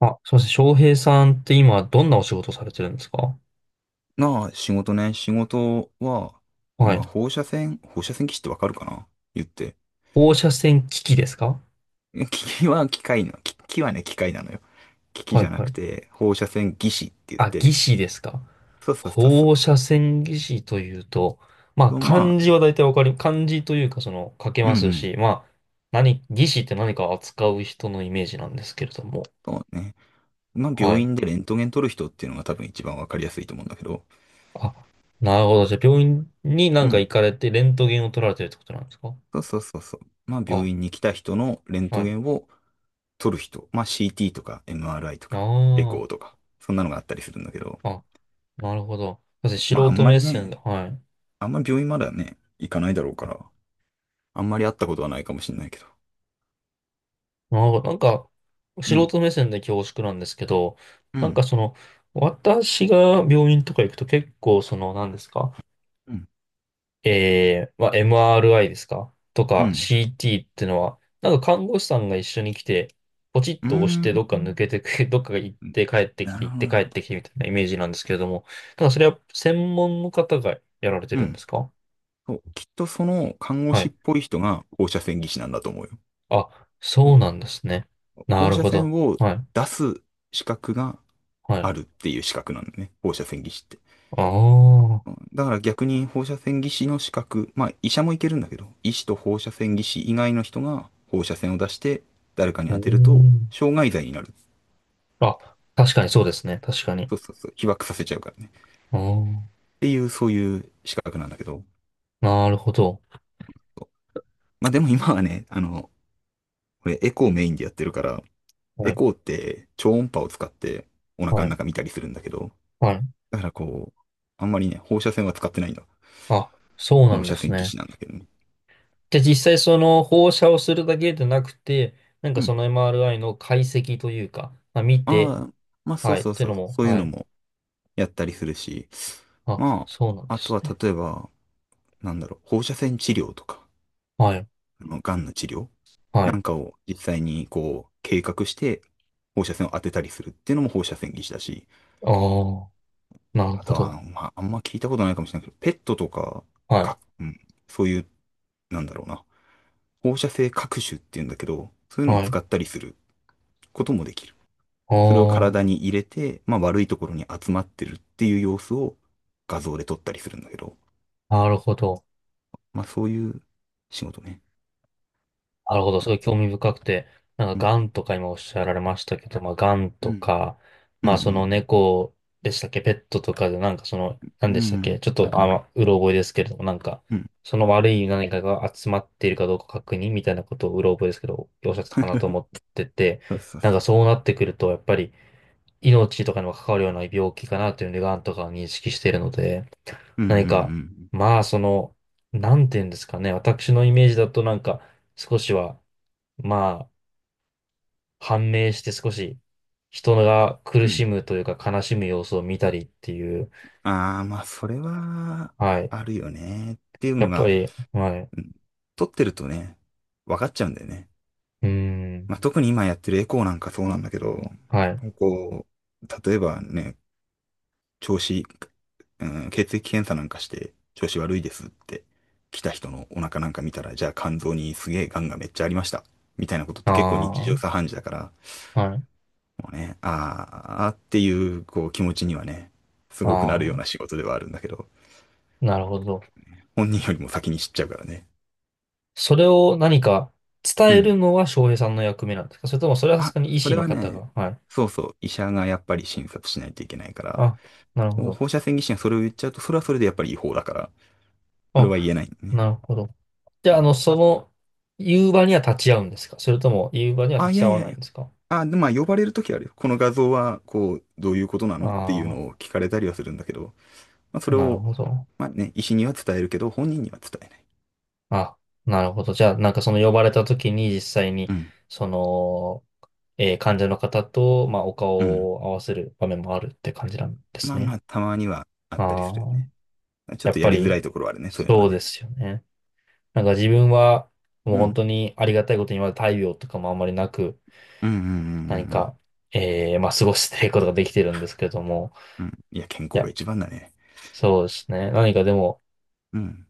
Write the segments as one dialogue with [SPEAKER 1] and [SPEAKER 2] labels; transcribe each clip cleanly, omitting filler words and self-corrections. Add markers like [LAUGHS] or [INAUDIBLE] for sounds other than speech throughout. [SPEAKER 1] あ、すしま翔平さんって今どんなお仕事されてるんですか？
[SPEAKER 2] なあ、仕事ね。仕事は、
[SPEAKER 1] はい。
[SPEAKER 2] 今、放射線技師ってわかるかな。言って。
[SPEAKER 1] 放射線機器ですか？
[SPEAKER 2] [LAUGHS] 機器は機械の、機器はね、機械なのよ。機器
[SPEAKER 1] は
[SPEAKER 2] じ
[SPEAKER 1] い
[SPEAKER 2] ゃな
[SPEAKER 1] は
[SPEAKER 2] く
[SPEAKER 1] い。
[SPEAKER 2] て、放射線技師って言っ
[SPEAKER 1] あ、技
[SPEAKER 2] て。
[SPEAKER 1] 師ですか？
[SPEAKER 2] そうそうそうそう。
[SPEAKER 1] 放射線技師というと、まあ
[SPEAKER 2] と、まあ、
[SPEAKER 1] 漢字は大体わかり、漢字というかその書け
[SPEAKER 2] うん
[SPEAKER 1] ま
[SPEAKER 2] う
[SPEAKER 1] す
[SPEAKER 2] ん。
[SPEAKER 1] し、まあ何、技師って何かを扱う人のイメージなんですけれども。
[SPEAKER 2] そうね。まあ、
[SPEAKER 1] は
[SPEAKER 2] 病
[SPEAKER 1] い。
[SPEAKER 2] 院でレントゲン取る人っていうのが多分一番わかりやすいと思うんだけど。
[SPEAKER 1] あ、なるほど。じゃあ病院にな
[SPEAKER 2] う
[SPEAKER 1] んか
[SPEAKER 2] ん。
[SPEAKER 1] 行かれてレントゲンを取られてるってことなんですか？
[SPEAKER 2] そうそうそうそう。まあ、病
[SPEAKER 1] あ、
[SPEAKER 2] 院に来た人のレン
[SPEAKER 1] は
[SPEAKER 2] ト
[SPEAKER 1] い。
[SPEAKER 2] ゲンを取る人。まあ、CT とか MRI とか、エ
[SPEAKER 1] あ
[SPEAKER 2] コーとか、そんなのがあったりするんだけど。
[SPEAKER 1] あ、あ、なるほど。だって素
[SPEAKER 2] まあ、あん
[SPEAKER 1] 人
[SPEAKER 2] ま
[SPEAKER 1] 目
[SPEAKER 2] り
[SPEAKER 1] 線で、
[SPEAKER 2] ね、
[SPEAKER 1] はい。
[SPEAKER 2] あんま病院まではね、行かないだろうから、あんまり会ったことはないかもしれないけど。
[SPEAKER 1] ああ、なんか、
[SPEAKER 2] う
[SPEAKER 1] 素
[SPEAKER 2] ん、
[SPEAKER 1] 人目線で恐縮なんですけど、
[SPEAKER 2] う
[SPEAKER 1] なんか
[SPEAKER 2] ん、
[SPEAKER 1] その、私が病院とか行くと結構その、何ですか？
[SPEAKER 2] うん、
[SPEAKER 1] まあ、MRI ですかと
[SPEAKER 2] う
[SPEAKER 1] か
[SPEAKER 2] ん、
[SPEAKER 1] CT ってのは、なんか看護師さんが一緒に来て、ポチッ
[SPEAKER 2] う
[SPEAKER 1] と押し
[SPEAKER 2] ー
[SPEAKER 1] てどっ
[SPEAKER 2] ん。
[SPEAKER 1] か抜けてく、[LAUGHS] どっかが行っ
[SPEAKER 2] うん、
[SPEAKER 1] て帰ってき
[SPEAKER 2] な
[SPEAKER 1] て、
[SPEAKER 2] る
[SPEAKER 1] 行っ
[SPEAKER 2] ほど、
[SPEAKER 1] て
[SPEAKER 2] な
[SPEAKER 1] 帰
[SPEAKER 2] る
[SPEAKER 1] っ
[SPEAKER 2] ほ
[SPEAKER 1] てき
[SPEAKER 2] ど。
[SPEAKER 1] てみたいなイメージなんですけれども、ただそれは専門の方がやられて
[SPEAKER 2] う
[SPEAKER 1] るんで
[SPEAKER 2] ん。
[SPEAKER 1] すか？
[SPEAKER 2] そう、きっとその看護
[SPEAKER 1] は
[SPEAKER 2] 師っ
[SPEAKER 1] い。
[SPEAKER 2] ぽい人が放射線技師なんだと思うよ。
[SPEAKER 1] あ、そうなんですね。な
[SPEAKER 2] 放
[SPEAKER 1] る
[SPEAKER 2] 射
[SPEAKER 1] ほど。
[SPEAKER 2] 線を
[SPEAKER 1] はい。
[SPEAKER 2] 出す資格が
[SPEAKER 1] は
[SPEAKER 2] あ
[SPEAKER 1] い。
[SPEAKER 2] るっていう資格なんだね。放射線技師って。
[SPEAKER 1] ああ。
[SPEAKER 2] うん。だから逆に放射線技師の資格、まあ医者もいけるんだけど、医師と放射線技師以外の人が放射線を出して誰かに
[SPEAKER 1] うー
[SPEAKER 2] 当てると、
[SPEAKER 1] ん、
[SPEAKER 2] 傷害罪になる。
[SPEAKER 1] あ、確かにそうですね。確かに。
[SPEAKER 2] そうそうそう、被爆させちゃうからね。
[SPEAKER 1] ああ、
[SPEAKER 2] っていう、そういう資格なんだけど。
[SPEAKER 1] なるほど。
[SPEAKER 2] まあでも今はね、これエコーメインでやってるから、エ
[SPEAKER 1] はい、
[SPEAKER 2] コーって超音波を使ってお腹
[SPEAKER 1] は
[SPEAKER 2] の
[SPEAKER 1] い、
[SPEAKER 2] 中見たりするんだけど、
[SPEAKER 1] はい。
[SPEAKER 2] だからこう、あんまりね、放射線は使ってないんだ。
[SPEAKER 1] あ、そうな
[SPEAKER 2] 放
[SPEAKER 1] んで
[SPEAKER 2] 射
[SPEAKER 1] す
[SPEAKER 2] 線技
[SPEAKER 1] ね。
[SPEAKER 2] 師なんだけどね。
[SPEAKER 1] で、実際その放射をするだけでなくて、なん
[SPEAKER 2] う
[SPEAKER 1] かそ
[SPEAKER 2] ん。
[SPEAKER 1] の MRI の解析というか、まあ、見て、
[SPEAKER 2] ああ、まあそ
[SPEAKER 1] は
[SPEAKER 2] う
[SPEAKER 1] い、っ
[SPEAKER 2] そう
[SPEAKER 1] ていう
[SPEAKER 2] そ
[SPEAKER 1] の
[SPEAKER 2] う、
[SPEAKER 1] も、
[SPEAKER 2] そういう
[SPEAKER 1] は
[SPEAKER 2] の
[SPEAKER 1] い。
[SPEAKER 2] もやったりするし、
[SPEAKER 1] あ、
[SPEAKER 2] ま
[SPEAKER 1] そうなん
[SPEAKER 2] あ、
[SPEAKER 1] で
[SPEAKER 2] あと
[SPEAKER 1] す
[SPEAKER 2] は
[SPEAKER 1] ね。
[SPEAKER 2] 例えば、なんだろう、放射線治療とか。
[SPEAKER 1] はい、
[SPEAKER 2] 癌の治療
[SPEAKER 1] は
[SPEAKER 2] な
[SPEAKER 1] い。
[SPEAKER 2] んかを実際にこう、計画して、放射線を当てたりするっていうのも放射線技師だし、
[SPEAKER 1] ああ、なる
[SPEAKER 2] あ
[SPEAKER 1] ほ
[SPEAKER 2] と
[SPEAKER 1] ど。
[SPEAKER 2] は、まあ、あんま聞いたことないかもしれないけど、ペットとか、
[SPEAKER 1] はい、
[SPEAKER 2] うん、そういう、なんだろうな、放射性核種っていうんだけど、そういうのを
[SPEAKER 1] は
[SPEAKER 2] 使
[SPEAKER 1] い。
[SPEAKER 2] ったりすることもできる。それを
[SPEAKER 1] あ
[SPEAKER 2] 体に入れて、まあ悪いところに集まってるっていう様子を画像で撮ったりするんだけど、
[SPEAKER 1] あ、なるほど。
[SPEAKER 2] まあそういう仕事ね。
[SPEAKER 1] なるほど。すごい興味深くて、なん
[SPEAKER 2] う
[SPEAKER 1] か、ガ
[SPEAKER 2] ん。
[SPEAKER 1] ンとか今おっしゃられましたけど、まあ、ガン
[SPEAKER 2] う
[SPEAKER 1] と
[SPEAKER 2] ん。
[SPEAKER 1] か、
[SPEAKER 2] うん。う
[SPEAKER 1] まあ、その
[SPEAKER 2] ん。
[SPEAKER 1] 猫でしたっけ、ペットとかで、なんかその、
[SPEAKER 2] う
[SPEAKER 1] 何
[SPEAKER 2] ん。う
[SPEAKER 1] でしたっ
[SPEAKER 2] ん。
[SPEAKER 1] け、ちょっと、あの、うろ覚えですけれども、なんか、
[SPEAKER 2] うん。
[SPEAKER 1] その悪い何かが集まっているかどうか確認みたいなことをうろ覚えですけど、おっしゃってたかなと思ってて、
[SPEAKER 2] そうそう
[SPEAKER 1] なん
[SPEAKER 2] そ
[SPEAKER 1] か
[SPEAKER 2] う。
[SPEAKER 1] そうなってくると、やっぱり、命とかにも関わるような病気かなというので、ガンとかは認識しているので、
[SPEAKER 2] うん、う
[SPEAKER 1] 何か、
[SPEAKER 2] ん、
[SPEAKER 1] まあ、その、なんていうんですかね、私のイメージだとなんか、少しは、まあ、判明して少し人が
[SPEAKER 2] う
[SPEAKER 1] 苦
[SPEAKER 2] ん、う
[SPEAKER 1] し
[SPEAKER 2] ん。
[SPEAKER 1] むというか悲しむ様子を見たりっていう、
[SPEAKER 2] ああ、まあ、それは、
[SPEAKER 1] はい。
[SPEAKER 2] あるよね。っていう
[SPEAKER 1] や
[SPEAKER 2] の
[SPEAKER 1] っぱ
[SPEAKER 2] が、
[SPEAKER 1] り、はい。う
[SPEAKER 2] うん、撮ってるとね、分かっちゃうんだよね。
[SPEAKER 1] ーん、
[SPEAKER 2] まあ、特に今やってるエコーなんかそうなんだけど、
[SPEAKER 1] はい。
[SPEAKER 2] こう、例えばね、調子、うん、血液検査なんかして調子悪いですって、来た人のお腹なんか見たら、じゃあ肝臓にすげえ癌がめっちゃありました。みたいなことって結構日常
[SPEAKER 1] あ
[SPEAKER 2] 茶飯事だから、
[SPEAKER 1] あ、はい。
[SPEAKER 2] もうね、あーあーっていう、こう気持ちにはね、すごくなる
[SPEAKER 1] あ
[SPEAKER 2] ような
[SPEAKER 1] あ、
[SPEAKER 2] 仕事ではあるんだけど、
[SPEAKER 1] なるほど。
[SPEAKER 2] 本人よりも先に知っちゃうからね。
[SPEAKER 1] それを何か伝
[SPEAKER 2] う
[SPEAKER 1] え
[SPEAKER 2] ん。
[SPEAKER 1] るのは翔平さんの役目なんですか？それともそれはさす
[SPEAKER 2] あ、
[SPEAKER 1] がに医
[SPEAKER 2] そ
[SPEAKER 1] 師
[SPEAKER 2] れ
[SPEAKER 1] の
[SPEAKER 2] は
[SPEAKER 1] 方
[SPEAKER 2] ね、
[SPEAKER 1] が。はい。
[SPEAKER 2] そうそう、医者がやっぱり診察しないといけないから、
[SPEAKER 1] あ、なるほ
[SPEAKER 2] もう
[SPEAKER 1] ど。
[SPEAKER 2] 放射線技師がそれを言っちゃうと、それはそれでやっぱり違法だから、それは言
[SPEAKER 1] あ、
[SPEAKER 2] えないんだ
[SPEAKER 1] な
[SPEAKER 2] ね。
[SPEAKER 1] るほど。じ
[SPEAKER 2] う
[SPEAKER 1] ゃあ、あ
[SPEAKER 2] ん。
[SPEAKER 1] の、その、夕場には立ち会うんですか？それとも夕場には
[SPEAKER 2] あ、
[SPEAKER 1] 立
[SPEAKER 2] い
[SPEAKER 1] ち
[SPEAKER 2] やい
[SPEAKER 1] 会わ
[SPEAKER 2] やい
[SPEAKER 1] ないん
[SPEAKER 2] や。
[SPEAKER 1] ですか？
[SPEAKER 2] あ、でまあ、呼ばれるときあるよ。この画像は、こう、どういうことなのっていうの
[SPEAKER 1] あ
[SPEAKER 2] を
[SPEAKER 1] あ
[SPEAKER 2] 聞かれたりはするんだけど、まあ、そ
[SPEAKER 1] ー、
[SPEAKER 2] れ
[SPEAKER 1] なる
[SPEAKER 2] を、
[SPEAKER 1] ほど。
[SPEAKER 2] まあね、医師には伝えるけど、本人には伝えない。
[SPEAKER 1] あ、なるほど。じゃあ、なんかその呼ばれた時に実際に、
[SPEAKER 2] うん。
[SPEAKER 1] その、患者の方と、まあ、お
[SPEAKER 2] うん。
[SPEAKER 1] 顔を合わせる場面もあるって感じなんです
[SPEAKER 2] まあま
[SPEAKER 1] ね。
[SPEAKER 2] あ、たまにはあったり
[SPEAKER 1] あ
[SPEAKER 2] するよ
[SPEAKER 1] あ、
[SPEAKER 2] ね。ちょっ
[SPEAKER 1] やっ
[SPEAKER 2] とや
[SPEAKER 1] ぱ
[SPEAKER 2] りづら
[SPEAKER 1] り、
[SPEAKER 2] いところはあるね、そういうのは
[SPEAKER 1] そうで
[SPEAKER 2] ね。
[SPEAKER 1] すよね。なんか自分は、もう
[SPEAKER 2] う
[SPEAKER 1] 本
[SPEAKER 2] ん。
[SPEAKER 1] 当にありがたいことに、まだ大病とかもあんまりなく、
[SPEAKER 2] うん。うん。うん。うんう
[SPEAKER 1] 何
[SPEAKER 2] ん。
[SPEAKER 1] か、まあ、過ごしていくことができてるんですけれども、
[SPEAKER 2] うん。いや、健
[SPEAKER 1] い
[SPEAKER 2] 康が
[SPEAKER 1] や、
[SPEAKER 2] 一番だね。
[SPEAKER 1] そうですね。何かでも、
[SPEAKER 2] うん。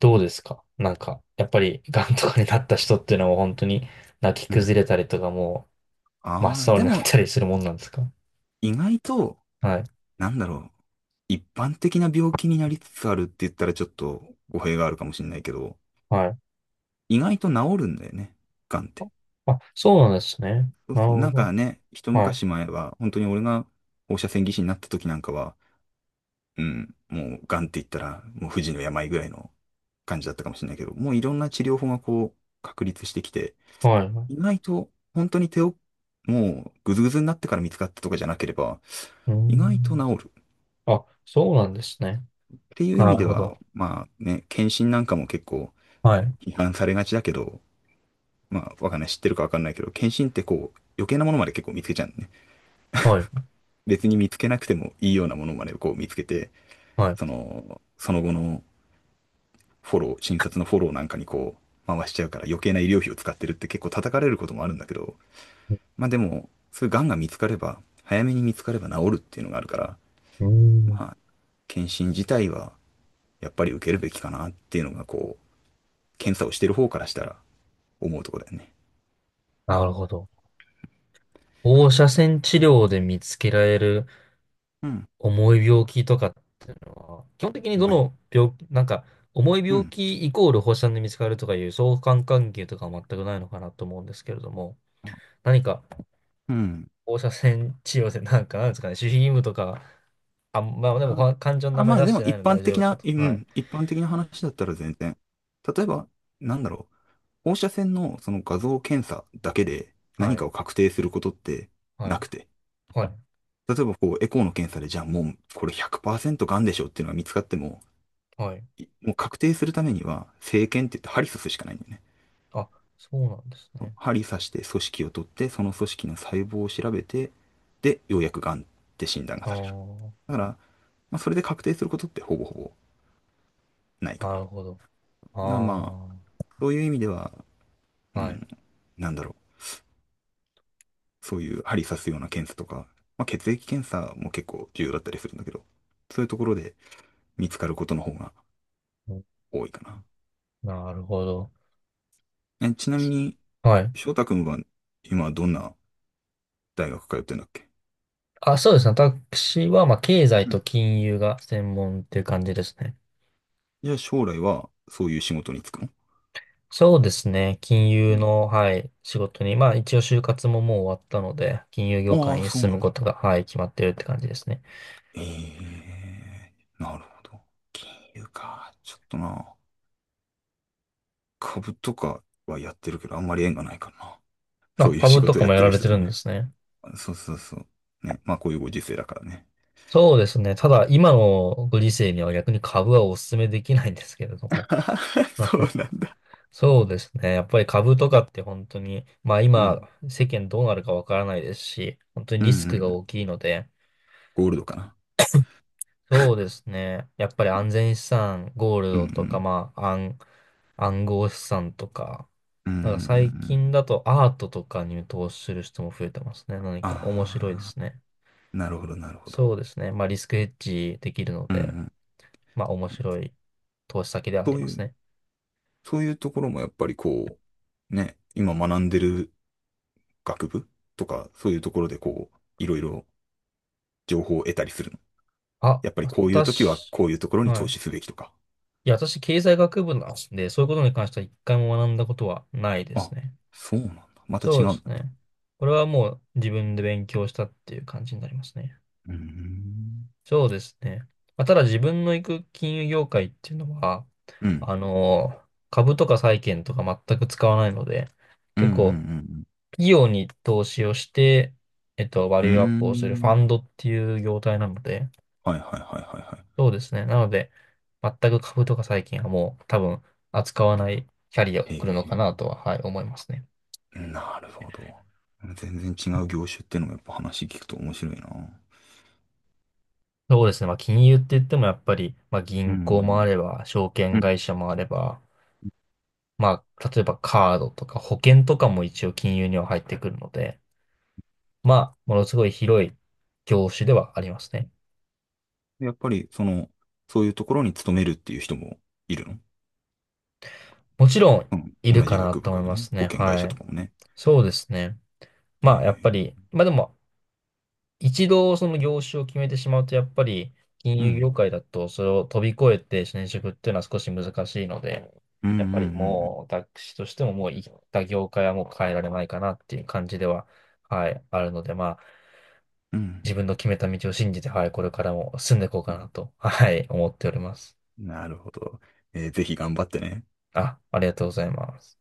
[SPEAKER 1] どうですかなんか、やっぱり、癌とかになった人っていうのはもう本当に、泣き
[SPEAKER 2] うん。
[SPEAKER 1] 崩れたりとかも真
[SPEAKER 2] ああ、
[SPEAKER 1] っ青
[SPEAKER 2] で
[SPEAKER 1] になっ
[SPEAKER 2] も、
[SPEAKER 1] たりするもんなんですか？
[SPEAKER 2] 意外と、
[SPEAKER 1] はい。
[SPEAKER 2] なんだろう。一般的な病気になりつつあるって言ったらちょっと語弊があるかもしれないけど、
[SPEAKER 1] はい。
[SPEAKER 2] 意外と治るんだよね。癌って。
[SPEAKER 1] あ、そうなんですね。
[SPEAKER 2] そう
[SPEAKER 1] なる
[SPEAKER 2] そう。な
[SPEAKER 1] ほ
[SPEAKER 2] ん
[SPEAKER 1] ど。
[SPEAKER 2] かね、一
[SPEAKER 1] はい。
[SPEAKER 2] 昔前は、本当に俺が放射線技師になった時なんかは、うん、もう癌って言ったら、もう不治の病ぐらいの感じだったかもしれないけど、もういろんな治療法がこう、確立してきて、
[SPEAKER 1] はい。う
[SPEAKER 2] 意外と本当に手をもうグズグズになってから見つかったとかじゃなければ
[SPEAKER 1] ー
[SPEAKER 2] 意外と
[SPEAKER 1] ん。
[SPEAKER 2] 治るっ
[SPEAKER 1] あ、そうなんですね。
[SPEAKER 2] ていう意
[SPEAKER 1] な
[SPEAKER 2] 味
[SPEAKER 1] る
[SPEAKER 2] で
[SPEAKER 1] ほ
[SPEAKER 2] は
[SPEAKER 1] ど。
[SPEAKER 2] まあね、検診なんかも結構
[SPEAKER 1] はい。
[SPEAKER 2] 批判されがちだけど、まあわかんない、知ってるかわかんないけど、検診ってこう余計なものまで結構見つけちゃうんだね。
[SPEAKER 1] はい。
[SPEAKER 2] 別に見つけなくてもいいようなものまでこう見つけて、
[SPEAKER 1] はい。
[SPEAKER 2] その後のフォロー、診察のフォローなんかにこう回しちゃうから余計な医療費を使ってるって結構叩かれることもあるんだけど、まあでもそういう癌が見つかれば、早めに見つかれば治るっていうのがあるから、
[SPEAKER 1] うーん。
[SPEAKER 2] まあ、検診自体はやっぱり受けるべきかなっていうのが、こう、検査をしてる方からしたら思うところだよね。
[SPEAKER 1] なるほど。放射線治療で見つけられる
[SPEAKER 2] うん。
[SPEAKER 1] 重い病気とかっていうのは、基本的にど
[SPEAKER 2] まあ、
[SPEAKER 1] の病気、なんか、重い
[SPEAKER 2] う
[SPEAKER 1] 病
[SPEAKER 2] ん。
[SPEAKER 1] 気イコール放射線で見つかるとかいう相関関係とかは全くないのかなと思うんですけれども、何か
[SPEAKER 2] うん。
[SPEAKER 1] 放射線治療でなんか、なんですかね、守秘義務とか、あ、まあでも
[SPEAKER 2] あ、
[SPEAKER 1] か漢字の名前
[SPEAKER 2] まあ
[SPEAKER 1] 出
[SPEAKER 2] で
[SPEAKER 1] し
[SPEAKER 2] も
[SPEAKER 1] てない
[SPEAKER 2] 一
[SPEAKER 1] ので
[SPEAKER 2] 般
[SPEAKER 1] 大丈
[SPEAKER 2] 的
[SPEAKER 1] 夫か
[SPEAKER 2] な、
[SPEAKER 1] と。
[SPEAKER 2] う
[SPEAKER 1] はい。
[SPEAKER 2] ん、一般的な話だったら全然。例えば、なんだろう、放射線のその画像検査だけで
[SPEAKER 1] は
[SPEAKER 2] 何か
[SPEAKER 1] い。
[SPEAKER 2] を確定することって
[SPEAKER 1] は
[SPEAKER 2] な
[SPEAKER 1] い。
[SPEAKER 2] くて、
[SPEAKER 1] はい。
[SPEAKER 2] 例えばこう、エコーの検査で、じゃあもうこれ100%がんでしょっていうのが見つかっても、
[SPEAKER 1] はい。
[SPEAKER 2] もう確定するためには、生検って言って針刺すしかないんだよね。
[SPEAKER 1] あ、そうなんですね。
[SPEAKER 2] 針刺して組織を取って、その組織の細胞を調べて、で、ようやくがんって診断が
[SPEAKER 1] あ
[SPEAKER 2] される。
[SPEAKER 1] あ、
[SPEAKER 2] だから、まあ、それで確定することってほぼほぼないか
[SPEAKER 1] な
[SPEAKER 2] な。だ
[SPEAKER 1] る
[SPEAKER 2] か
[SPEAKER 1] ほど。
[SPEAKER 2] ら、ま
[SPEAKER 1] あ
[SPEAKER 2] あ、そういう意味では、
[SPEAKER 1] あ、
[SPEAKER 2] う
[SPEAKER 1] はい。
[SPEAKER 2] ん、なんだろう。そういう針刺すような検査とか、まあ、血液検査も結構重要だったりするんだけど、そういうところで見つかることの方が
[SPEAKER 1] うん、
[SPEAKER 2] 多いかな。
[SPEAKER 1] なるほど。
[SPEAKER 2] え、ちなみに、
[SPEAKER 1] はい。
[SPEAKER 2] 翔太くんは今どんな大学通ってんだっけ？
[SPEAKER 1] あ、そうですね。私は、まあ、経済
[SPEAKER 2] う
[SPEAKER 1] と
[SPEAKER 2] ん。
[SPEAKER 1] 金融が専門っていう感じですね。
[SPEAKER 2] じゃあ将来はそういう仕事に就くの？
[SPEAKER 1] そうですね。金
[SPEAKER 2] う
[SPEAKER 1] 融
[SPEAKER 2] ん。
[SPEAKER 1] の、はい、仕事に、まあ、一応就活ももう終わったので、金融業
[SPEAKER 2] あ
[SPEAKER 1] 界
[SPEAKER 2] あ、
[SPEAKER 1] に
[SPEAKER 2] そう
[SPEAKER 1] 進
[SPEAKER 2] なん
[SPEAKER 1] む
[SPEAKER 2] だ。
[SPEAKER 1] ことが、はい、決まってるって感じですね。
[SPEAKER 2] ええーなるほど。金融か。ちょっとな、株とかはやってるけど、あんまり縁がないからな。そ
[SPEAKER 1] あ、
[SPEAKER 2] ういう仕
[SPEAKER 1] 株と
[SPEAKER 2] 事
[SPEAKER 1] か
[SPEAKER 2] やっ
[SPEAKER 1] もや
[SPEAKER 2] て
[SPEAKER 1] ら
[SPEAKER 2] る
[SPEAKER 1] れ
[SPEAKER 2] 人
[SPEAKER 1] てる
[SPEAKER 2] と
[SPEAKER 1] んで
[SPEAKER 2] ね。
[SPEAKER 1] すね。
[SPEAKER 2] そうそうそう。ね。まあ、こういうご時世だからね。
[SPEAKER 1] そうですね。ただ、今のご時世には逆に株はお勧めできないんですけれども。
[SPEAKER 2] [LAUGHS] そう
[SPEAKER 1] [LAUGHS]
[SPEAKER 2] なんだ。
[SPEAKER 1] そうですね。やっぱり株とかって本当に、まあ
[SPEAKER 2] う
[SPEAKER 1] 今、
[SPEAKER 2] ん。
[SPEAKER 1] 世間どうなるかわからないですし、本当に
[SPEAKER 2] うんう
[SPEAKER 1] リ
[SPEAKER 2] ん
[SPEAKER 1] ス
[SPEAKER 2] う
[SPEAKER 1] クが
[SPEAKER 2] ん。
[SPEAKER 1] 大きいので、
[SPEAKER 2] ゴールドかな。
[SPEAKER 1] そうですね。やっぱり安全資産、ゴール
[SPEAKER 2] うんう
[SPEAKER 1] ドとか、
[SPEAKER 2] ん。
[SPEAKER 1] まあ、暗、暗号資産とか、
[SPEAKER 2] うん、うん、うん、
[SPEAKER 1] な
[SPEAKER 2] う
[SPEAKER 1] んか最近
[SPEAKER 2] ん。
[SPEAKER 1] だとアートとかに投資する人も増えてますね。何か面白いで
[SPEAKER 2] ああ、
[SPEAKER 1] すね。
[SPEAKER 2] なるほど、なるほど。
[SPEAKER 1] そうですね。まあリスクヘッジできるの
[SPEAKER 2] うんう
[SPEAKER 1] で。
[SPEAKER 2] ん。
[SPEAKER 1] まあ面白い投資先ではあ
[SPEAKER 2] そ
[SPEAKER 1] り
[SPEAKER 2] う
[SPEAKER 1] ま
[SPEAKER 2] い
[SPEAKER 1] す
[SPEAKER 2] う、
[SPEAKER 1] ね。
[SPEAKER 2] そういうところもやっぱりこう、ね、今学んでる学部とか、そういうところでこう、いろいろ情報を得たりするの？
[SPEAKER 1] あ、
[SPEAKER 2] やっぱりこういう時は
[SPEAKER 1] 私、
[SPEAKER 2] こういうところに
[SPEAKER 1] は
[SPEAKER 2] 投
[SPEAKER 1] い。
[SPEAKER 2] 資すべきとか。
[SPEAKER 1] いや、私、経済学部なんで、そういうことに関しては一回も学んだことはないです
[SPEAKER 2] あ、
[SPEAKER 1] ね。
[SPEAKER 2] そうなんだ。また
[SPEAKER 1] そう
[SPEAKER 2] 違
[SPEAKER 1] で
[SPEAKER 2] うん
[SPEAKER 1] す
[SPEAKER 2] だね。
[SPEAKER 1] ね。これはもう自分で勉強したっていう感じになりますね。
[SPEAKER 2] うーん。
[SPEAKER 1] そうですね。まあ、ただ自分の行く金融業界っていうのは、
[SPEAKER 2] うん。
[SPEAKER 1] あの、株とか債券とか全く使わないので、
[SPEAKER 2] うんう
[SPEAKER 1] 結構
[SPEAKER 2] ん
[SPEAKER 1] 企業に投資をして、えっと、バ
[SPEAKER 2] うん
[SPEAKER 1] リ
[SPEAKER 2] う
[SPEAKER 1] ューアッ
[SPEAKER 2] ん。う
[SPEAKER 1] プ
[SPEAKER 2] ー
[SPEAKER 1] をするファ
[SPEAKER 2] ん。
[SPEAKER 1] ンドっていう業態なので、
[SPEAKER 2] はいはいはいはいは
[SPEAKER 1] そうですね。なので、全く株とか最近はもう多分扱わないキャリアを
[SPEAKER 2] い。
[SPEAKER 1] 送るのか
[SPEAKER 2] へ
[SPEAKER 1] なとは、はい、思いますね。
[SPEAKER 2] え。なるほど。全然違う業種っていうのもやっぱ話聞くと面白いな。
[SPEAKER 1] そうですね。まあ、金融って言ってもやっぱり、まあ、
[SPEAKER 2] う
[SPEAKER 1] 銀行もあ
[SPEAKER 2] ん。
[SPEAKER 1] れば、証
[SPEAKER 2] う
[SPEAKER 1] 券
[SPEAKER 2] ん。
[SPEAKER 1] 会社もあれば、まあ、例えばカードとか保険とかも一応金融には入ってくるので、まあ、ものすごい広い業種ではありますね。
[SPEAKER 2] やっぱりその、そういうところに勤めるっていう人もいるの？
[SPEAKER 1] もちろん、
[SPEAKER 2] うん。
[SPEAKER 1] いる
[SPEAKER 2] 同
[SPEAKER 1] か
[SPEAKER 2] じ
[SPEAKER 1] な
[SPEAKER 2] 学部
[SPEAKER 1] と
[SPEAKER 2] か
[SPEAKER 1] 思い
[SPEAKER 2] ら
[SPEAKER 1] ま
[SPEAKER 2] ね。
[SPEAKER 1] す
[SPEAKER 2] 保
[SPEAKER 1] ね。
[SPEAKER 2] 険会
[SPEAKER 1] は
[SPEAKER 2] 社と
[SPEAKER 1] い。
[SPEAKER 2] かもね。
[SPEAKER 1] そうですね。
[SPEAKER 2] え
[SPEAKER 1] まあ、やっぱ
[SPEAKER 2] え。
[SPEAKER 1] り、まあでも、一度その業種を決めてしまうと、やっぱり金
[SPEAKER 2] う
[SPEAKER 1] 融
[SPEAKER 2] ん。
[SPEAKER 1] 業界だとそれを飛び越えて転職っていうのは少し難しいので、
[SPEAKER 2] うんうん
[SPEAKER 1] やっぱ
[SPEAKER 2] う
[SPEAKER 1] り
[SPEAKER 2] ん
[SPEAKER 1] もう私としてももう行った業界はもう変えられないかなっていう感じでは、はい、あるので、まあ
[SPEAKER 2] うん。うん。
[SPEAKER 1] 自分の決めた道を信じて、はい、これからも進んでいこうかなと、はい、思っております。
[SPEAKER 2] なるほど。ぜひ頑張ってね。
[SPEAKER 1] あ、ありがとうございます。